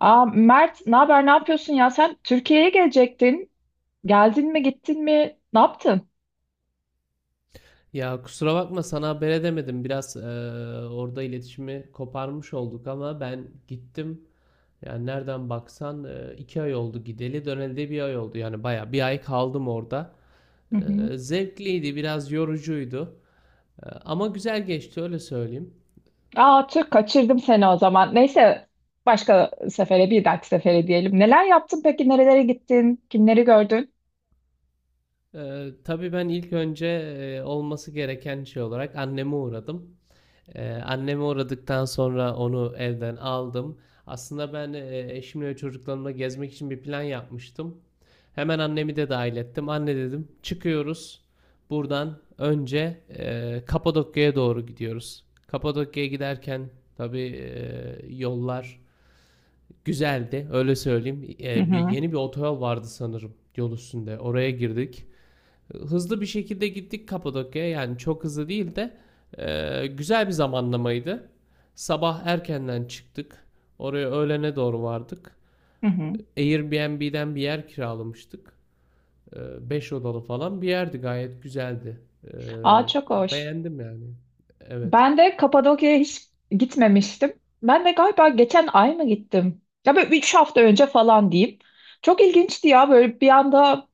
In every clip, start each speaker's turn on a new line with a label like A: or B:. A: Aa, Mert, ne haber? Ne yapıyorsun ya? Sen Türkiye'ye gelecektin. Geldin mi, gittin mi? Ne yaptın?
B: Ya kusura bakma sana haber edemedim. Biraz orada iletişimi koparmış olduk ama ben gittim. Yani nereden baksan iki ay oldu gideli, döneli de bir ay oldu. Yani baya bir ay kaldım orada.
A: Hı hı.
B: Zevkliydi, biraz yorucuydu. Ama güzel geçti öyle söyleyeyim.
A: Aa, Türk kaçırdım seni o zaman. Neyse, başka sefere, bir dahaki sefere diyelim. Neler yaptın peki? Nerelere gittin? Kimleri gördün?
B: Tabii ben ilk önce olması gereken şey olarak anneme uğradım. Anneme uğradıktan sonra onu evden aldım. Aslında ben eşimle ve çocuklarımla gezmek için bir plan yapmıştım. Hemen annemi de dahil ettim. Anne dedim, çıkıyoruz. Buradan önce Kapadokya'ya doğru gidiyoruz. Kapadokya'ya giderken tabii yollar güzeldi, öyle söyleyeyim.
A: Hı
B: Bir
A: hı,
B: yeni bir otoyol vardı sanırım yol üstünde. Oraya girdik. Hızlı bir şekilde gittik Kapadokya'ya. Yani çok hızlı değil de güzel bir zamanlamaydı. Sabah erkenden çıktık. Oraya öğlene doğru vardık.
A: hı hı.
B: Airbnb'den bir yer kiralamıştık. Beş odalı falan bir yerdi, gayet güzeldi.
A: Aa çok hoş.
B: Beğendim yani. Evet.
A: Ben de Kapadokya'ya hiç gitmemiştim. Ben de galiba geçen ay mı gittim? Ya böyle 3 hafta önce falan diyeyim. Çok ilginçti ya böyle bir anda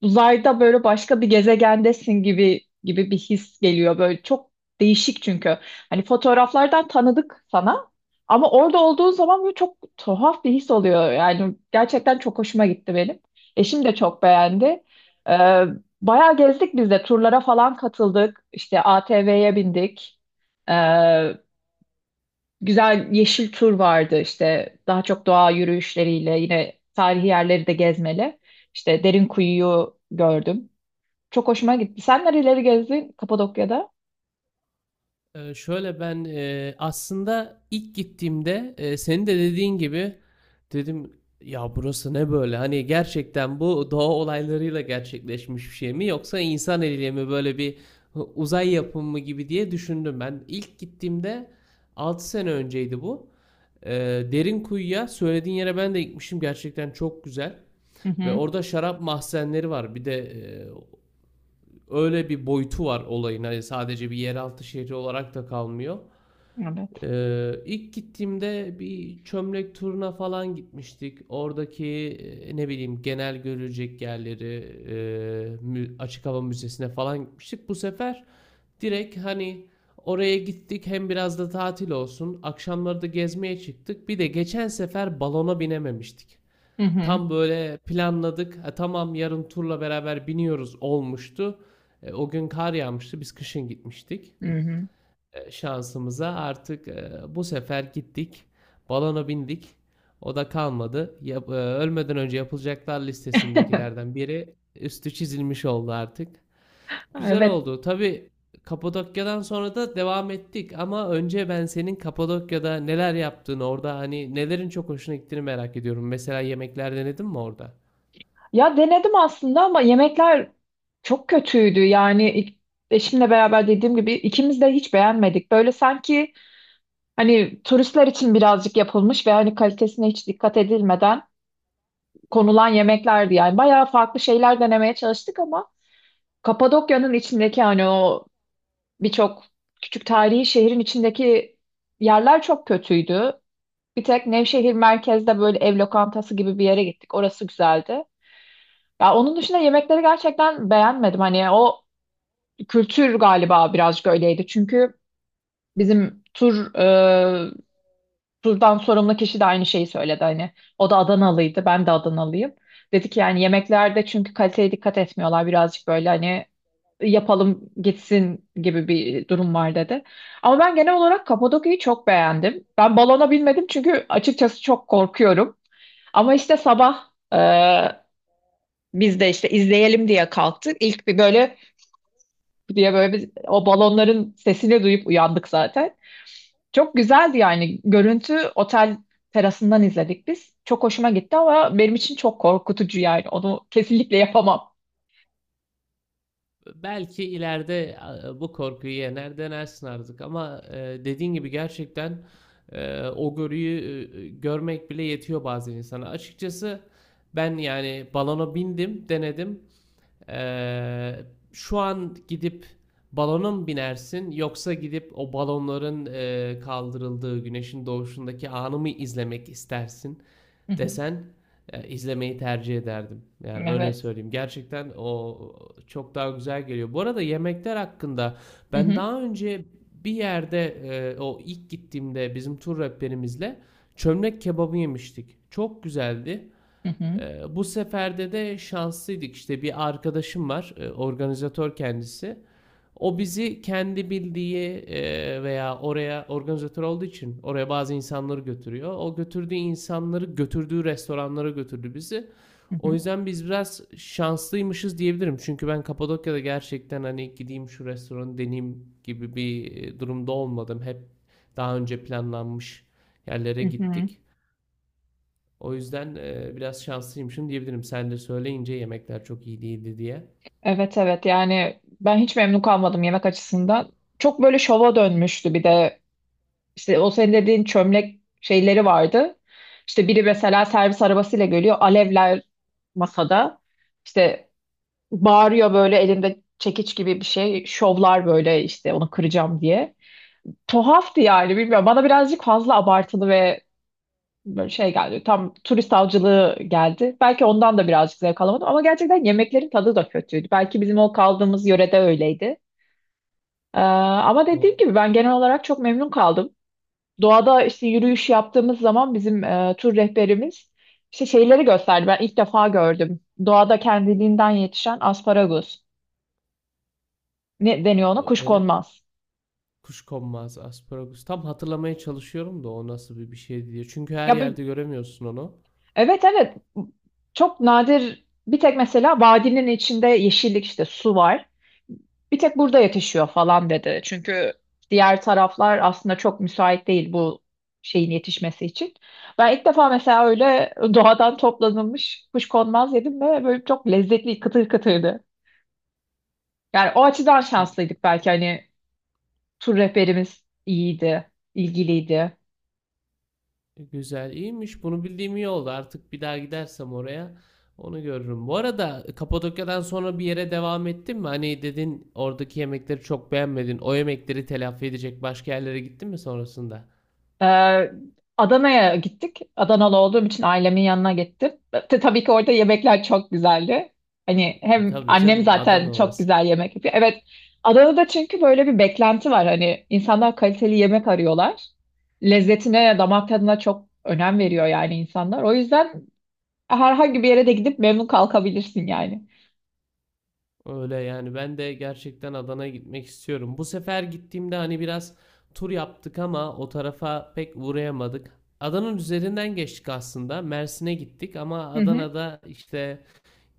A: uzayda böyle başka bir gezegendesin gibi gibi bir his geliyor böyle çok değişik çünkü. Hani fotoğraflardan tanıdık sana ama orada olduğun zaman böyle çok tuhaf bir his oluyor. Yani gerçekten çok hoşuma gitti benim. Eşim de çok beğendi. Ee, Bayağı gezdik biz de turlara falan katıldık. İşte ATV'ye bindik. Ee, Güzel yeşil tur vardı işte daha çok doğa yürüyüşleriyle yine tarihi yerleri de gezmeli. İşte Derinkuyu'yu gördüm. Çok hoşuma gitti. Sen nereleri gezdin Kapadokya'da?
B: Şöyle ben aslında ilk gittiğimde senin de dediğin gibi dedim ya, burası ne böyle? Hani gerçekten bu doğa olaylarıyla gerçekleşmiş bir şey mi, yoksa insan eliyle mi böyle bir uzay yapımı gibi diye düşündüm. Ben ilk gittiğimde 6 sene önceydi bu. Ee, derin kuyuya söylediğin yere ben de gitmişim. Gerçekten çok güzel.
A: Hı
B: Ve
A: hı.
B: orada şarap mahzenleri var. Bir de öyle bir boyutu var olayın. Hani sadece bir yeraltı şehri olarak da kalmıyor.
A: Evet.
B: İlk gittiğimde bir çömlek turuna falan gitmiştik. Oradaki ne bileyim genel görülecek yerleri, açık hava müzesine falan gitmiştik. Bu sefer direkt hani oraya gittik, hem biraz da tatil olsun. Akşamları da gezmeye çıktık. Bir de geçen sefer balona binememiştik.
A: Hı hı.
B: Tam böyle planladık. "Ha, tamam yarın turla beraber biniyoruz" olmuştu. O gün kar yağmıştı. Biz kışın gitmiştik,
A: Hı hı.
B: şansımıza artık bu sefer gittik. Balona bindik. O da kalmadı. Ölmeden önce yapılacaklar listesindekilerden biri üstü çizilmiş oldu artık. Güzel
A: Evet.
B: oldu. Tabii Kapadokya'dan sonra da devam ettik, ama önce ben senin Kapadokya'da neler yaptığını, orada hani nelerin çok hoşuna gittiğini merak ediyorum. Mesela yemekler denedin mi orada?
A: Ya denedim aslında ama yemekler çok kötüydü. Yani eşimle beraber dediğim gibi ikimiz de hiç beğenmedik. Böyle sanki hani turistler için birazcık yapılmış ve hani kalitesine hiç dikkat edilmeden konulan yemeklerdi. Yani bayağı farklı şeyler denemeye çalıştık ama Kapadokya'nın içindeki hani o birçok küçük tarihi şehrin içindeki yerler çok kötüydü. Bir tek Nevşehir merkezde böyle ev lokantası gibi bir yere gittik. Orası güzeldi. Ya onun dışında yemekleri gerçekten beğenmedim. Hani o kültür galiba birazcık öyleydi. Çünkü bizim tur e, turdan sorumlu kişi de aynı şeyi söyledi. Hani o da Adanalıydı, ben de Adanalıyım. Dedi ki yani yemeklerde çünkü kaliteye dikkat etmiyorlar. Birazcık böyle hani yapalım gitsin gibi bir durum var dedi. Ama ben genel olarak Kapadokya'yı çok beğendim. Ben balona binmedim çünkü açıkçası çok korkuyorum. Ama işte sabah biz de işte izleyelim diye kalktık. İlk bir böyle diye o balonların sesini duyup uyandık zaten. Çok güzeldi yani görüntü otel terasından izledik biz. Çok hoşuma gitti ama benim için çok korkutucu yani onu kesinlikle yapamam.
B: Belki ileride bu korkuyu yener denersin artık, ama dediğin gibi gerçekten o görüyü görmek bile yetiyor bazen insana. Açıkçası ben yani balona bindim, denedim. E, şu an gidip balona mı binersin, yoksa gidip o balonların kaldırıldığı güneşin doğuşundaki anı mı izlemek istersin?
A: Hı hı.
B: desen, izlemeyi tercih ederdim. Yani öyle
A: Evet.
B: söyleyeyim. Gerçekten o çok daha güzel geliyor. Bu arada yemekler hakkında
A: Hı
B: ben
A: hı.
B: daha önce bir yerde, o ilk gittiğimde bizim tur rehberimizle çömlek kebabı yemiştik. Çok güzeldi.
A: Hı hı.
B: Bu seferde de şanslıydık. İşte bir arkadaşım var, organizatör kendisi. O bizi kendi bildiği, veya oraya organizatör olduğu için oraya bazı insanları götürüyor. O götürdüğü insanları götürdüğü restoranlara götürdü bizi.
A: Hı
B: O
A: hı.
B: yüzden biz biraz şanslıymışız diyebilirim. Çünkü ben Kapadokya'da gerçekten hani gideyim şu restoranı deneyeyim gibi bir durumda olmadım. Hep daha önce planlanmış yerlere
A: Hı hı.
B: gittik. O yüzden, biraz şanslıymışım diyebilirim. Sen de söyleyince yemekler çok iyi değildi diye.
A: Evet, evet, yani ben hiç memnun kalmadım yemek açısından. Çok böyle şova dönmüştü bir de. İşte o senin dediğin çömlek şeyleri vardı. İşte biri mesela servis arabasıyla geliyor. Alevler masada. İşte bağırıyor böyle elinde çekiç gibi bir şey. Şovlar böyle işte onu kıracağım diye. Tuhaftı yani bilmiyorum. Bana birazcık fazla abartılı ve böyle şey geldi. Tam turist avcılığı geldi. Belki ondan da birazcık zevk alamadım. Ama gerçekten yemeklerin tadı da kötüydü. Belki bizim o kaldığımız yörede öyleydi. Ama
B: O
A: dediğim gibi ben genel olarak çok memnun kaldım. Doğada işte yürüyüş yaptığımız zaman bizim tur rehberimiz işte şeyleri gösterdi. Ben ilk defa gördüm. Doğada kendiliğinden yetişen asparagus. Ne deniyor ona?
B: ö öyle mi?
A: Kuşkonmaz.
B: Kuşkonmaz, asparagus. Tam hatırlamaya çalışıyorum da o nasıl bir şey diye. Çünkü her
A: Ya bu-
B: yerde göremiyorsun onu.
A: evet, evet, çok nadir, bir tek mesela vadinin içinde yeşillik işte su var. Bir tek burada yetişiyor falan dedi. Çünkü diğer taraflar aslında çok müsait değil bu şeyin yetişmesi için. Ben ilk defa mesela öyle doğadan toplanılmış kuşkonmaz yedim ve böyle çok lezzetli kıtır kıtırdı. Yani o açıdan şanslıydık belki hani tur rehberimiz iyiydi, ilgiliydi.
B: Güzel, iyiymiş. Bunu bildiğim iyi oldu. Artık bir daha gidersem oraya onu görürüm. Bu arada Kapadokya'dan sonra bir yere devam ettin mi? Hani dedin oradaki yemekleri çok beğenmedin. O yemekleri telafi edecek başka yerlere gittin mi sonrasında?
A: Ee, Adana'ya gittik. Adanalı olduğum için ailemin yanına gittim. Tabii ki orada yemekler çok güzeldi. Hani
B: E,
A: hem
B: tabii
A: annem
B: canım, Adana
A: zaten çok
B: orası.
A: güzel yemek yapıyor. Evet, Adana'da çünkü böyle bir beklenti var. Hani insanlar kaliteli yemek arıyorlar. Lezzetine, damak tadına çok önem veriyor yani insanlar. O yüzden herhangi bir yere de gidip memnun kalkabilirsin yani.
B: Öyle yani ben de gerçekten Adana'ya gitmek istiyorum. Bu sefer gittiğimde hani biraz tur yaptık, ama o tarafa pek uğrayamadık. Adana'nın üzerinden geçtik aslında. Mersin'e gittik, ama
A: Hı hı.
B: Adana'da işte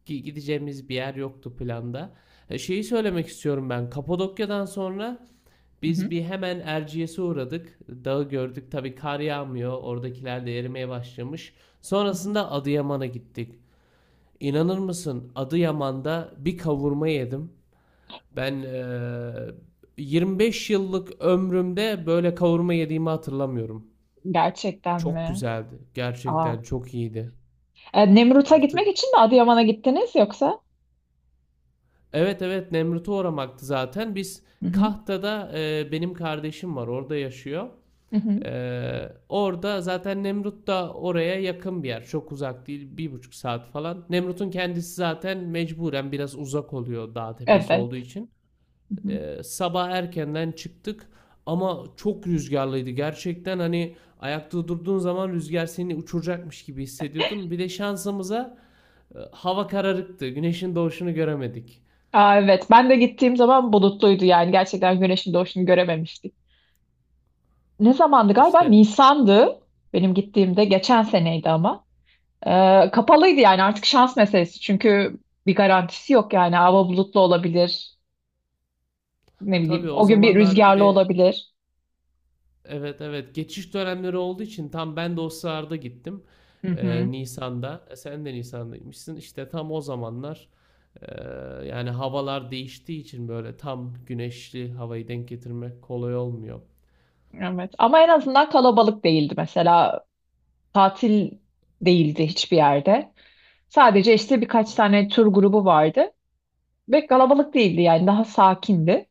B: gideceğimiz bir yer yoktu planda. E, şeyi söylemek istiyorum ben. Kapadokya'dan sonra
A: Hı
B: biz
A: hı.
B: bir hemen Erciyes'e uğradık. Dağı gördük. Tabii kar yağmıyor. Oradakiler de erimeye başlamış.
A: Hı hı.
B: Sonrasında Adıyaman'a gittik. İnanır mısın? Adıyaman'da bir kavurma yedim. Ben 25 yıllık ömrümde böyle kavurma yediğimi hatırlamıyorum.
A: Gerçekten
B: Çok
A: mi?
B: güzeldi.
A: Aa.
B: Gerçekten çok iyiydi.
A: E, Nemrut'a
B: Artık
A: gitmek için mi Adıyaman'a gittiniz yoksa?
B: evet, evet Nemrut'u uğramaktı zaten. Biz
A: Hı hı.
B: Kahta'da, benim kardeşim var. Orada yaşıyor.
A: Hı hı.
B: Orada zaten Nemrut da oraya yakın bir yer. Çok uzak değil. Bir buçuk saat falan. Nemrut'un kendisi zaten mecburen biraz uzak oluyor dağ tepesi
A: Evet.
B: olduğu için.
A: Hı hı.
B: Sabah erkenden çıktık, ama çok rüzgarlıydı. Gerçekten hani ayakta durduğun zaman rüzgar seni uçuracakmış gibi hissediyordun. Bir de şansımıza hava kararıktı. Güneşin doğuşunu göremedik.
A: Aa, evet. Ben de gittiğim zaman bulutluydu yani. Gerçekten güneşin doğuşunu görememiştik. Ne zamandı galiba?
B: İşte
A: Nisan'dı. Benim gittiğimde geçen seneydi ama. Kapalıydı yani artık şans meselesi. Çünkü bir garantisi yok yani. Hava bulutlu olabilir. Ne bileyim.
B: tabii o
A: O gün bir
B: zamanlar bir
A: rüzgarlı
B: de
A: olabilir.
B: evet, evet geçiş dönemleri olduğu için tam ben de o sırada gittim.
A: Hı hı.
B: E, Nisan'da. E, sen de Nisan'daymışsın. İşte tam o zamanlar, e, yani havalar değiştiği için böyle tam güneşli havayı denk getirmek kolay olmuyor.
A: Evet. Ama en azından kalabalık değildi mesela. Tatil değildi hiçbir yerde. Sadece işte birkaç tane tur grubu vardı ve kalabalık değildi yani daha sakindi.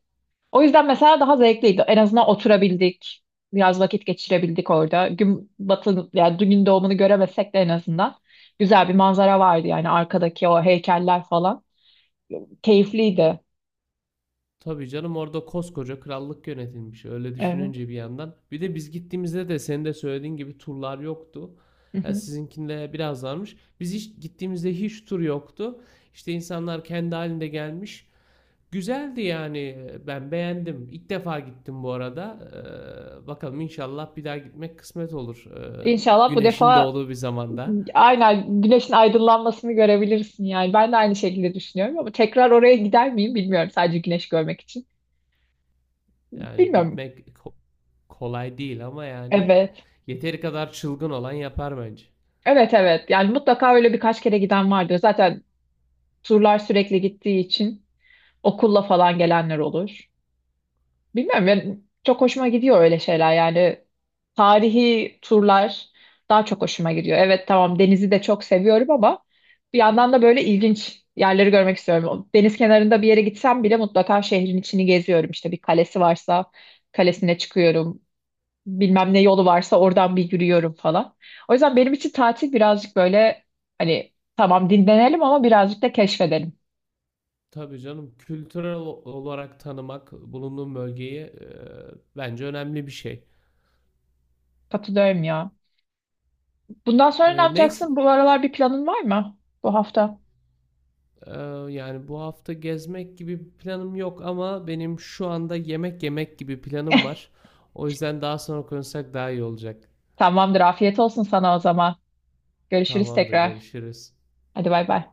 A: O yüzden mesela daha zevkliydi. En azından oturabildik, biraz vakit geçirebildik orada. Gün batı yani Gün doğumunu göremesek de en azından güzel bir manzara vardı yani arkadaki o heykeller falan. Keyifliydi.
B: Tabii canım orada koskoca krallık yönetilmiş. Öyle
A: Evet.
B: düşününce bir yandan. Bir de biz gittiğimizde de senin de söylediğin gibi turlar yoktu.
A: Hı
B: Ha,
A: hı.
B: sizinkinde biraz varmış. Biz hiç gittiğimizde hiç tur yoktu. İşte insanlar kendi halinde gelmiş. Güzeldi yani. Ben beğendim. İlk defa gittim bu arada. Bakalım inşallah bir daha gitmek kısmet olur.
A: İnşallah bu
B: Güneşin
A: defa
B: doğduğu bir zamanda.
A: aynen güneşin aydınlanmasını görebilirsin yani. Ben de aynı şekilde düşünüyorum ama tekrar oraya gider miyim bilmiyorum sadece güneş görmek için.
B: Yani
A: Bilmiyorum.
B: kolay değil, ama yani
A: Evet.
B: yeteri kadar çılgın olan yapar bence.
A: Evet, evet, yani mutlaka öyle birkaç kere giden vardır. Zaten turlar sürekli gittiği için okulla falan gelenler olur. Bilmiyorum, ben çok hoşuma gidiyor öyle şeyler, yani tarihi turlar daha çok hoşuma gidiyor. Evet, tamam, denizi de çok seviyorum ama bir yandan da böyle ilginç yerleri görmek istiyorum. O deniz kenarında bir yere gitsem bile mutlaka şehrin içini geziyorum. İşte bir kalesi varsa kalesine çıkıyorum, bilmem ne yolu varsa oradan bir yürüyorum falan. O yüzden benim için tatil birazcık böyle hani tamam dinlenelim ama birazcık da keşfedelim.
B: Tabii canım kültürel olarak tanımak bulunduğum bölgeyi, bence önemli bir şey.
A: Katılıyorum ya. Bundan sonra ne
B: E, neyse,
A: yapacaksın? Bu aralar bir planın var mı bu hafta?
B: e, yani bu hafta gezmek gibi bir planım yok, ama benim şu anda yemek yemek gibi planım var. O yüzden daha sonra konuşsak daha iyi olacak.
A: Tamamdır. Afiyet olsun sana o zaman. Görüşürüz
B: Tamamdır,
A: tekrar.
B: görüşürüz.
A: Hadi bay bay.